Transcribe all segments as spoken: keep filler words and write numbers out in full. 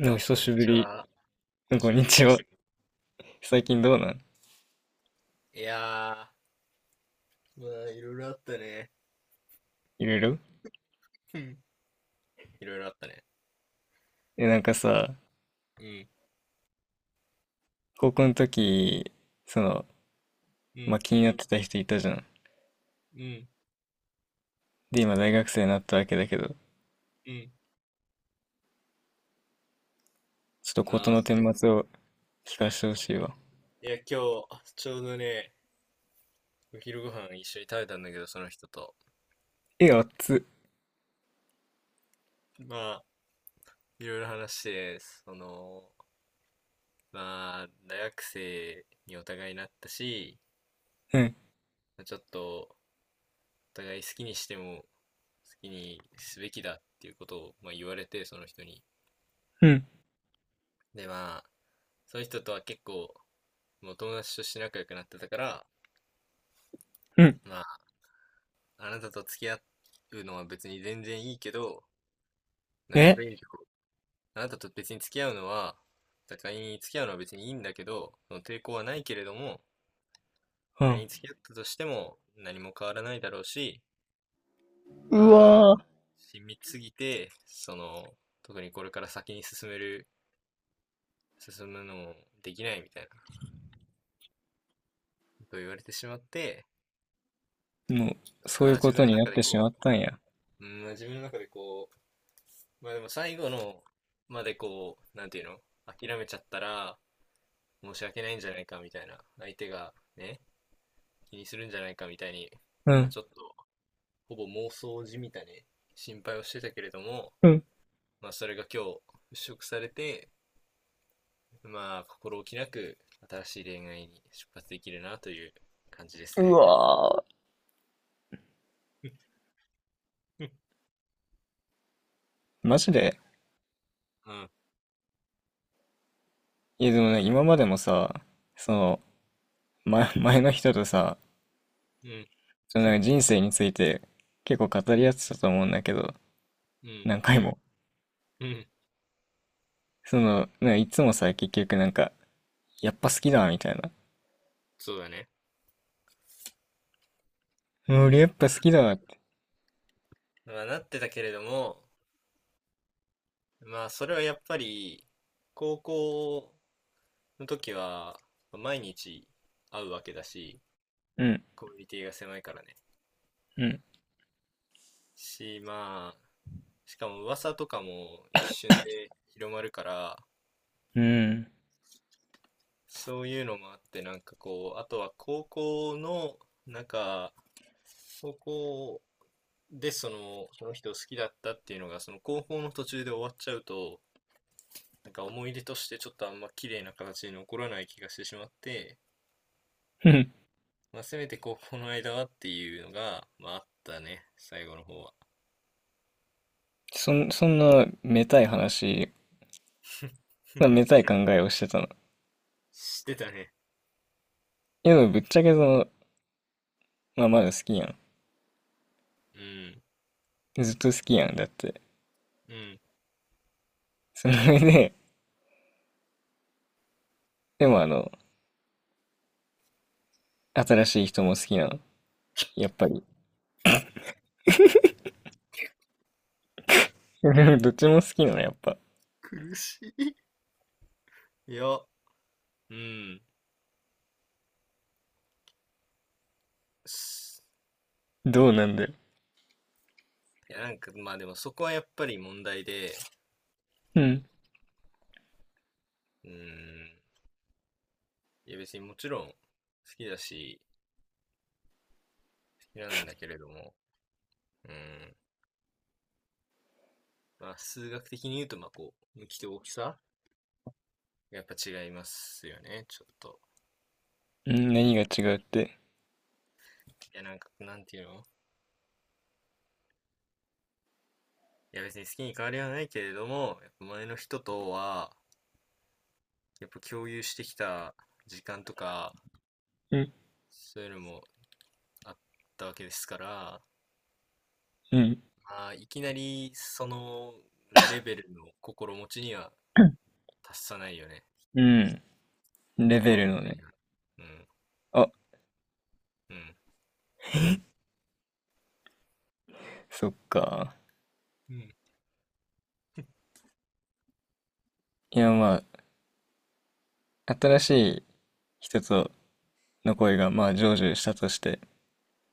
おあ、久こんにしぶちり。は。久こしんぶにり。ちは。最近どうなん？いやー、まあ、いろいろあったね。いろいろ。うんいろいろあったね。え、なんかさ、うん、高校の時、その、うまあ、ん、気になってた人いたじゃん。うん、で、今大学生になったわけだけど、ちょうん。っと事なあ、の顛末を聞かせてほしいわ。いや、今日、ちょうどね、お昼ご飯一緒に食べたんだけど、その人と。え、あっつ。まあ、いろいろ話して、その、まあ、大学生にお互いなったし、うん、まあちょっと、お互い好きにしても、好きにすべきだっていうことを、まあ、言われて、その人に。うん、で、まあ、その人とは結構もう友達として仲良くなってたから、うん。まあ、あなたと付き合うのは別に全然いいけど、なんかこえれ以上、あなたと別に付き合うのは、だから仮に付き合うのは別にいいんだけど、その抵抗はないけれども、う仮ん。に付き合ったとしても何も変わらないだろうし、うまあ、わ親密すぎて、その、特にこれから先に進める、進むのもできないみたいなことを言われてしまって、ー。もう、そうあいーう自こ分とのになっ中でてしまこったんや。う、うん、自分の中でこう、まあでも最後のまでこう、なんていうの諦めちゃったら申し訳ないんじゃないかみたいな、相手がね、気にするんじゃないかみたいに、うまあん、ちょっと、ほぼ妄想じみたね、心配をしてたけれども、うん。まあそれが今日払拭されて、まあ心置きなく新しい恋愛に出発できるなという感じですうね。わ うん、ー。マジで。うん、いや、でもね、今までもさ、その、前、前の人とさ、そのなんか人生について結構語り合ってたと思うんだけど、うん、何回も。うん、その、なんかいつもさ、結局なんか、やっぱ好きだ、みたいな。そうだね。うん俺やっぱ好きだって。まあなってたけれども、まあそれはやっぱり、高校の時は、毎日会うわけだし、うん、コミュニティが狭いからね。うん、し、まあ、しかも噂とかも一瞬で広まるから、うん。そういうのもあって、なんかこう、あとは高校の、なんか、高校でその、その人を好きだったっていうのが、その高校の途中で終わっちゃうと、なんか思い出としてちょっとあんま綺麗な形に残らない気がしてしまって、ふん。 まあ、せめて高校の間はっていうのが、まああったね、最後の方は。そん、そんな、めたい話、そんなめたい考えをしてたの。してたね。いやでもぶっちゃけその、まあまだ好きやん。うん。ずっと好きやん、だって。うん。その上で、でもあの、新しい人も好きなの。やっぱり。どっちも好きなの、やっぱ。苦しい。いや、うん。どうなんだよ。いや、なんか、まあでもそこはやっぱり問題で、うん。うん。いや別にもちろん好きだし、好きなんだけれども、うん。まあ数学的に言うと、まあこう、向きと大きさがやっぱ違いますよね、ちょっと。うん、何が違うって。いや、なんか、なんていうのいや別に好きに変わりはないけれども、やっぱ前の人とは、やっぱ共有してきた時間とか、うん、そういうのもあったわけですから、うん。ああ、いきなりそのレベルの心持ちには達さないよね。うん。レベ心ル持のちね。には。うん、あ、うん、そっか。うん、いや、まあ、新しい人との恋が、まあ、成就したとして、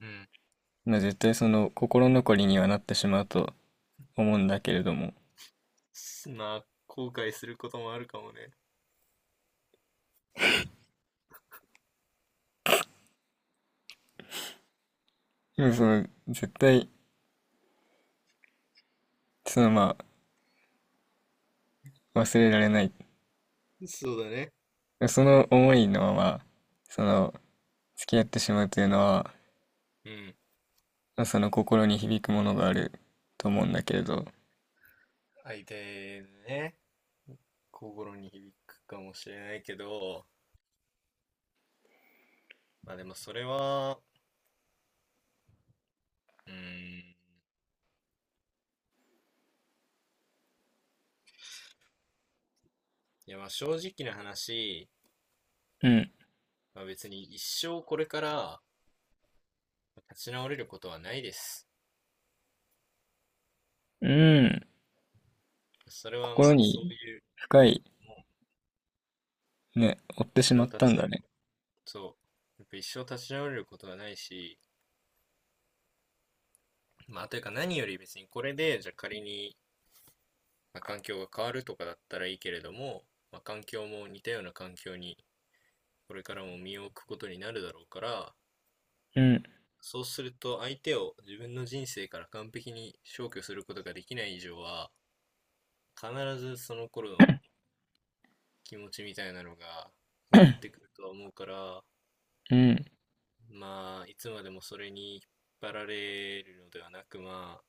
うん。まあ、絶対その心残りにはなってしまうと思うんだけれども、すまあ、後悔することもあるかもね。でもその、絶対、その、まあ、忘れられない。そうだね。その思いのまま、その、付き合ってしまうというのは、うん。まあその心に響くものがあると思うんだけれど、相手のね、心に響くかもしれないけど、まあでもそれは、うん、いやまあ正直な話、うん、まあ別に一生これから立ち直れることはないです。うん、それはま心あそうにいう、深い、もうね、追って一し生まっ立たちん直だね。そう。やっぱ一生立ち直れることはないし、まあ、というか何より別にこれで、じゃあ仮に、まあ、環境が変わるとかだったらいいけれども、まあ、環境も似たような環境にこれからも身を置くことになるだろうから、うん。そうすると相手を自分の人生から完璧に消去することができない以上は、必ずその頃の気持ちみたいなのが戻っ てくるとは思うから、うん。まあ、いつまでもそれに引っ張られるのではなく、まあ、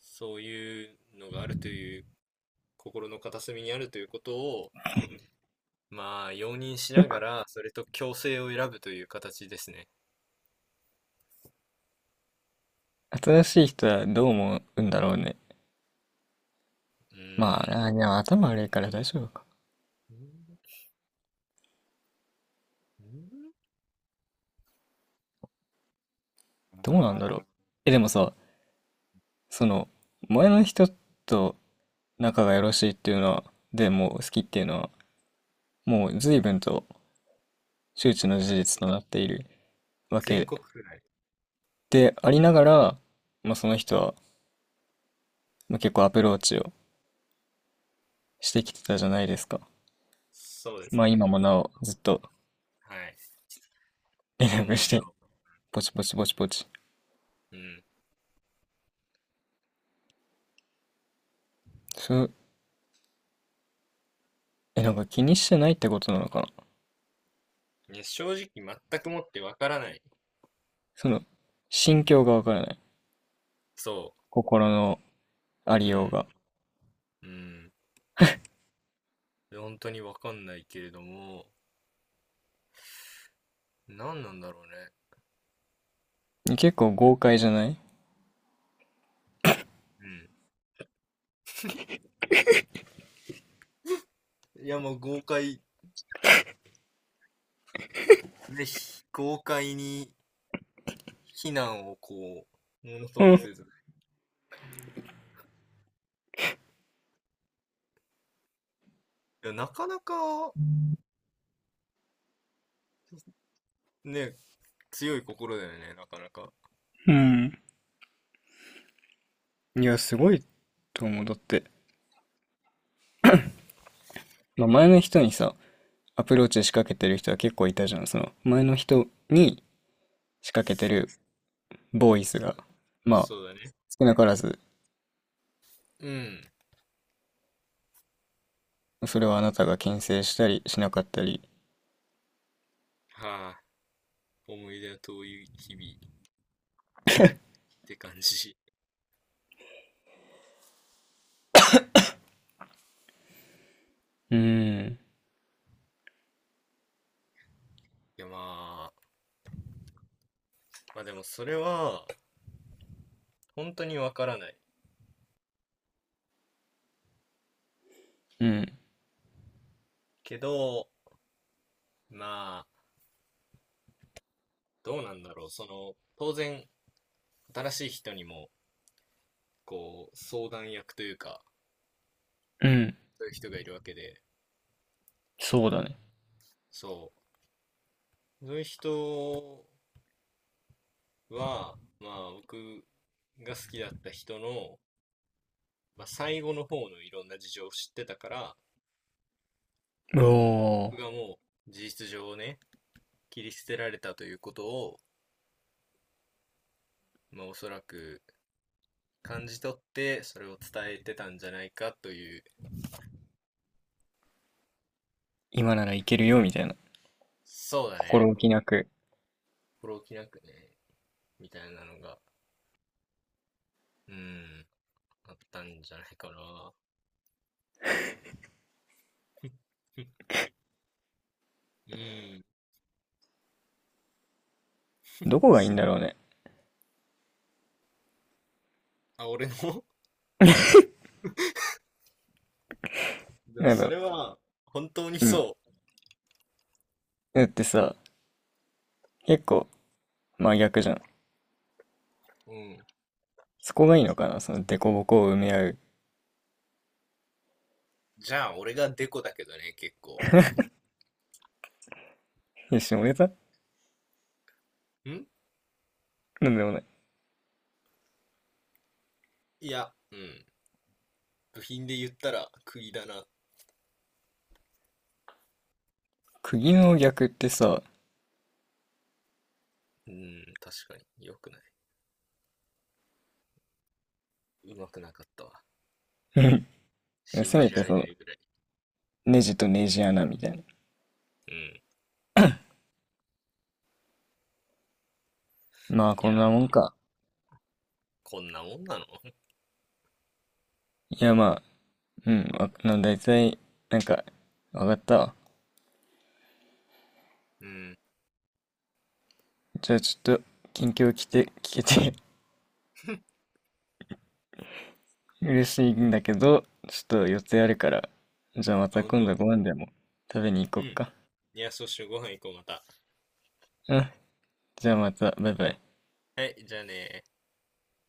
そういうのがあるという心の片隅にあるということをまあ容認しよながく、らそれと共生を選ぶという形ですね。新しい人はどう思うんだろうね。うまあ、ん。あー、でも頭悪いから大丈夫か。うんうんどうなんあだろう。え、でもさ、その、前の人と仲がよろしいっていうのは、でもう好きっていうのは、もう随分と周知ーのまあ、事実となっているわ全け国くらい。でありながら、まあ、その人は、まあ、結構アプローチをしてきてたじゃないですか。そうですまあね。今もなおずっとはい。今連絡もなして、ポチポチポチポチ。お、うん。そう、え、なんか気にしてないってことなのかな。ね正直全くもってわからない。その、心境がわからない。そ心のあう。りうようが。ん。うん。本当にわかんないけれども、何なんだろうね。結構豪快じゃない？うん。いやもう豪快、ぜひ、豪快に非難をこう、ものとうもん。せず。いやなかなか、ね、強い心だよね、なかなか。うん。いや、すごいと思う。だって、まあ、前の人にさ、アプローチ仕掛けてる人は結構いたじゃん。その、前の人に仕掛けてるボーイスが、まあ、そうだね。少なからず、うん。それはあなたが牽制したりしなかったり。はあ、思い出の遠い日々って感じ。いうーん、や、まあ、まあでもそれは、本当にわからない。うん、けど、まあ、どうなんだろう。その、当然、新しい人にも、こう、相談役というか、うん、そういう人がいるわけで、そうだね。そう。そういう人は、まあ、僕が好きだった人のまあ、最後の方のいろんな事情を知ってたから、お僕お、がもう事実上ね、切り捨てられたということを、まあ、おそらく感じ取って、それを伝えてたんじゃないかという、今ならいけるよ、みたいな。そうだ心ね、置きなく。心置きなくね、みたいなのが、うーん、あったんじゃないかな。うん。どこがいいんだろうね。あ、俺の でもなんそか、れは、本当にうん。そだってさ、結構真逆じゃん。う。うん。そこがいいのかなその凸凹を埋め合う。じゃあ、俺がデコだけどね、結構。いや、下ネタんなんでもない。いや、うん。部品で言ったら、釘だな釘の逆ってさ、うん、確かに。良くない。うまくなかったわ。せ信めじらてれそなの、いぐらい。ネジとネジ穴みたいな。うん。まあ、いこんや、なもんか。こんなもんなのいや、まあ、うん、大なんだいたい、なんか、わかったわ。うん。じゃあちょっと、近況来て、聞けて 嬉しいんだけど、ちょっと予定あるから、じゃあまあ、たほん今度と。ご飯でも食べにう行ん。こっいか。や、そしてご飯行こう、また。うん、じゃあうん。また、バイバイ。はい、じゃあね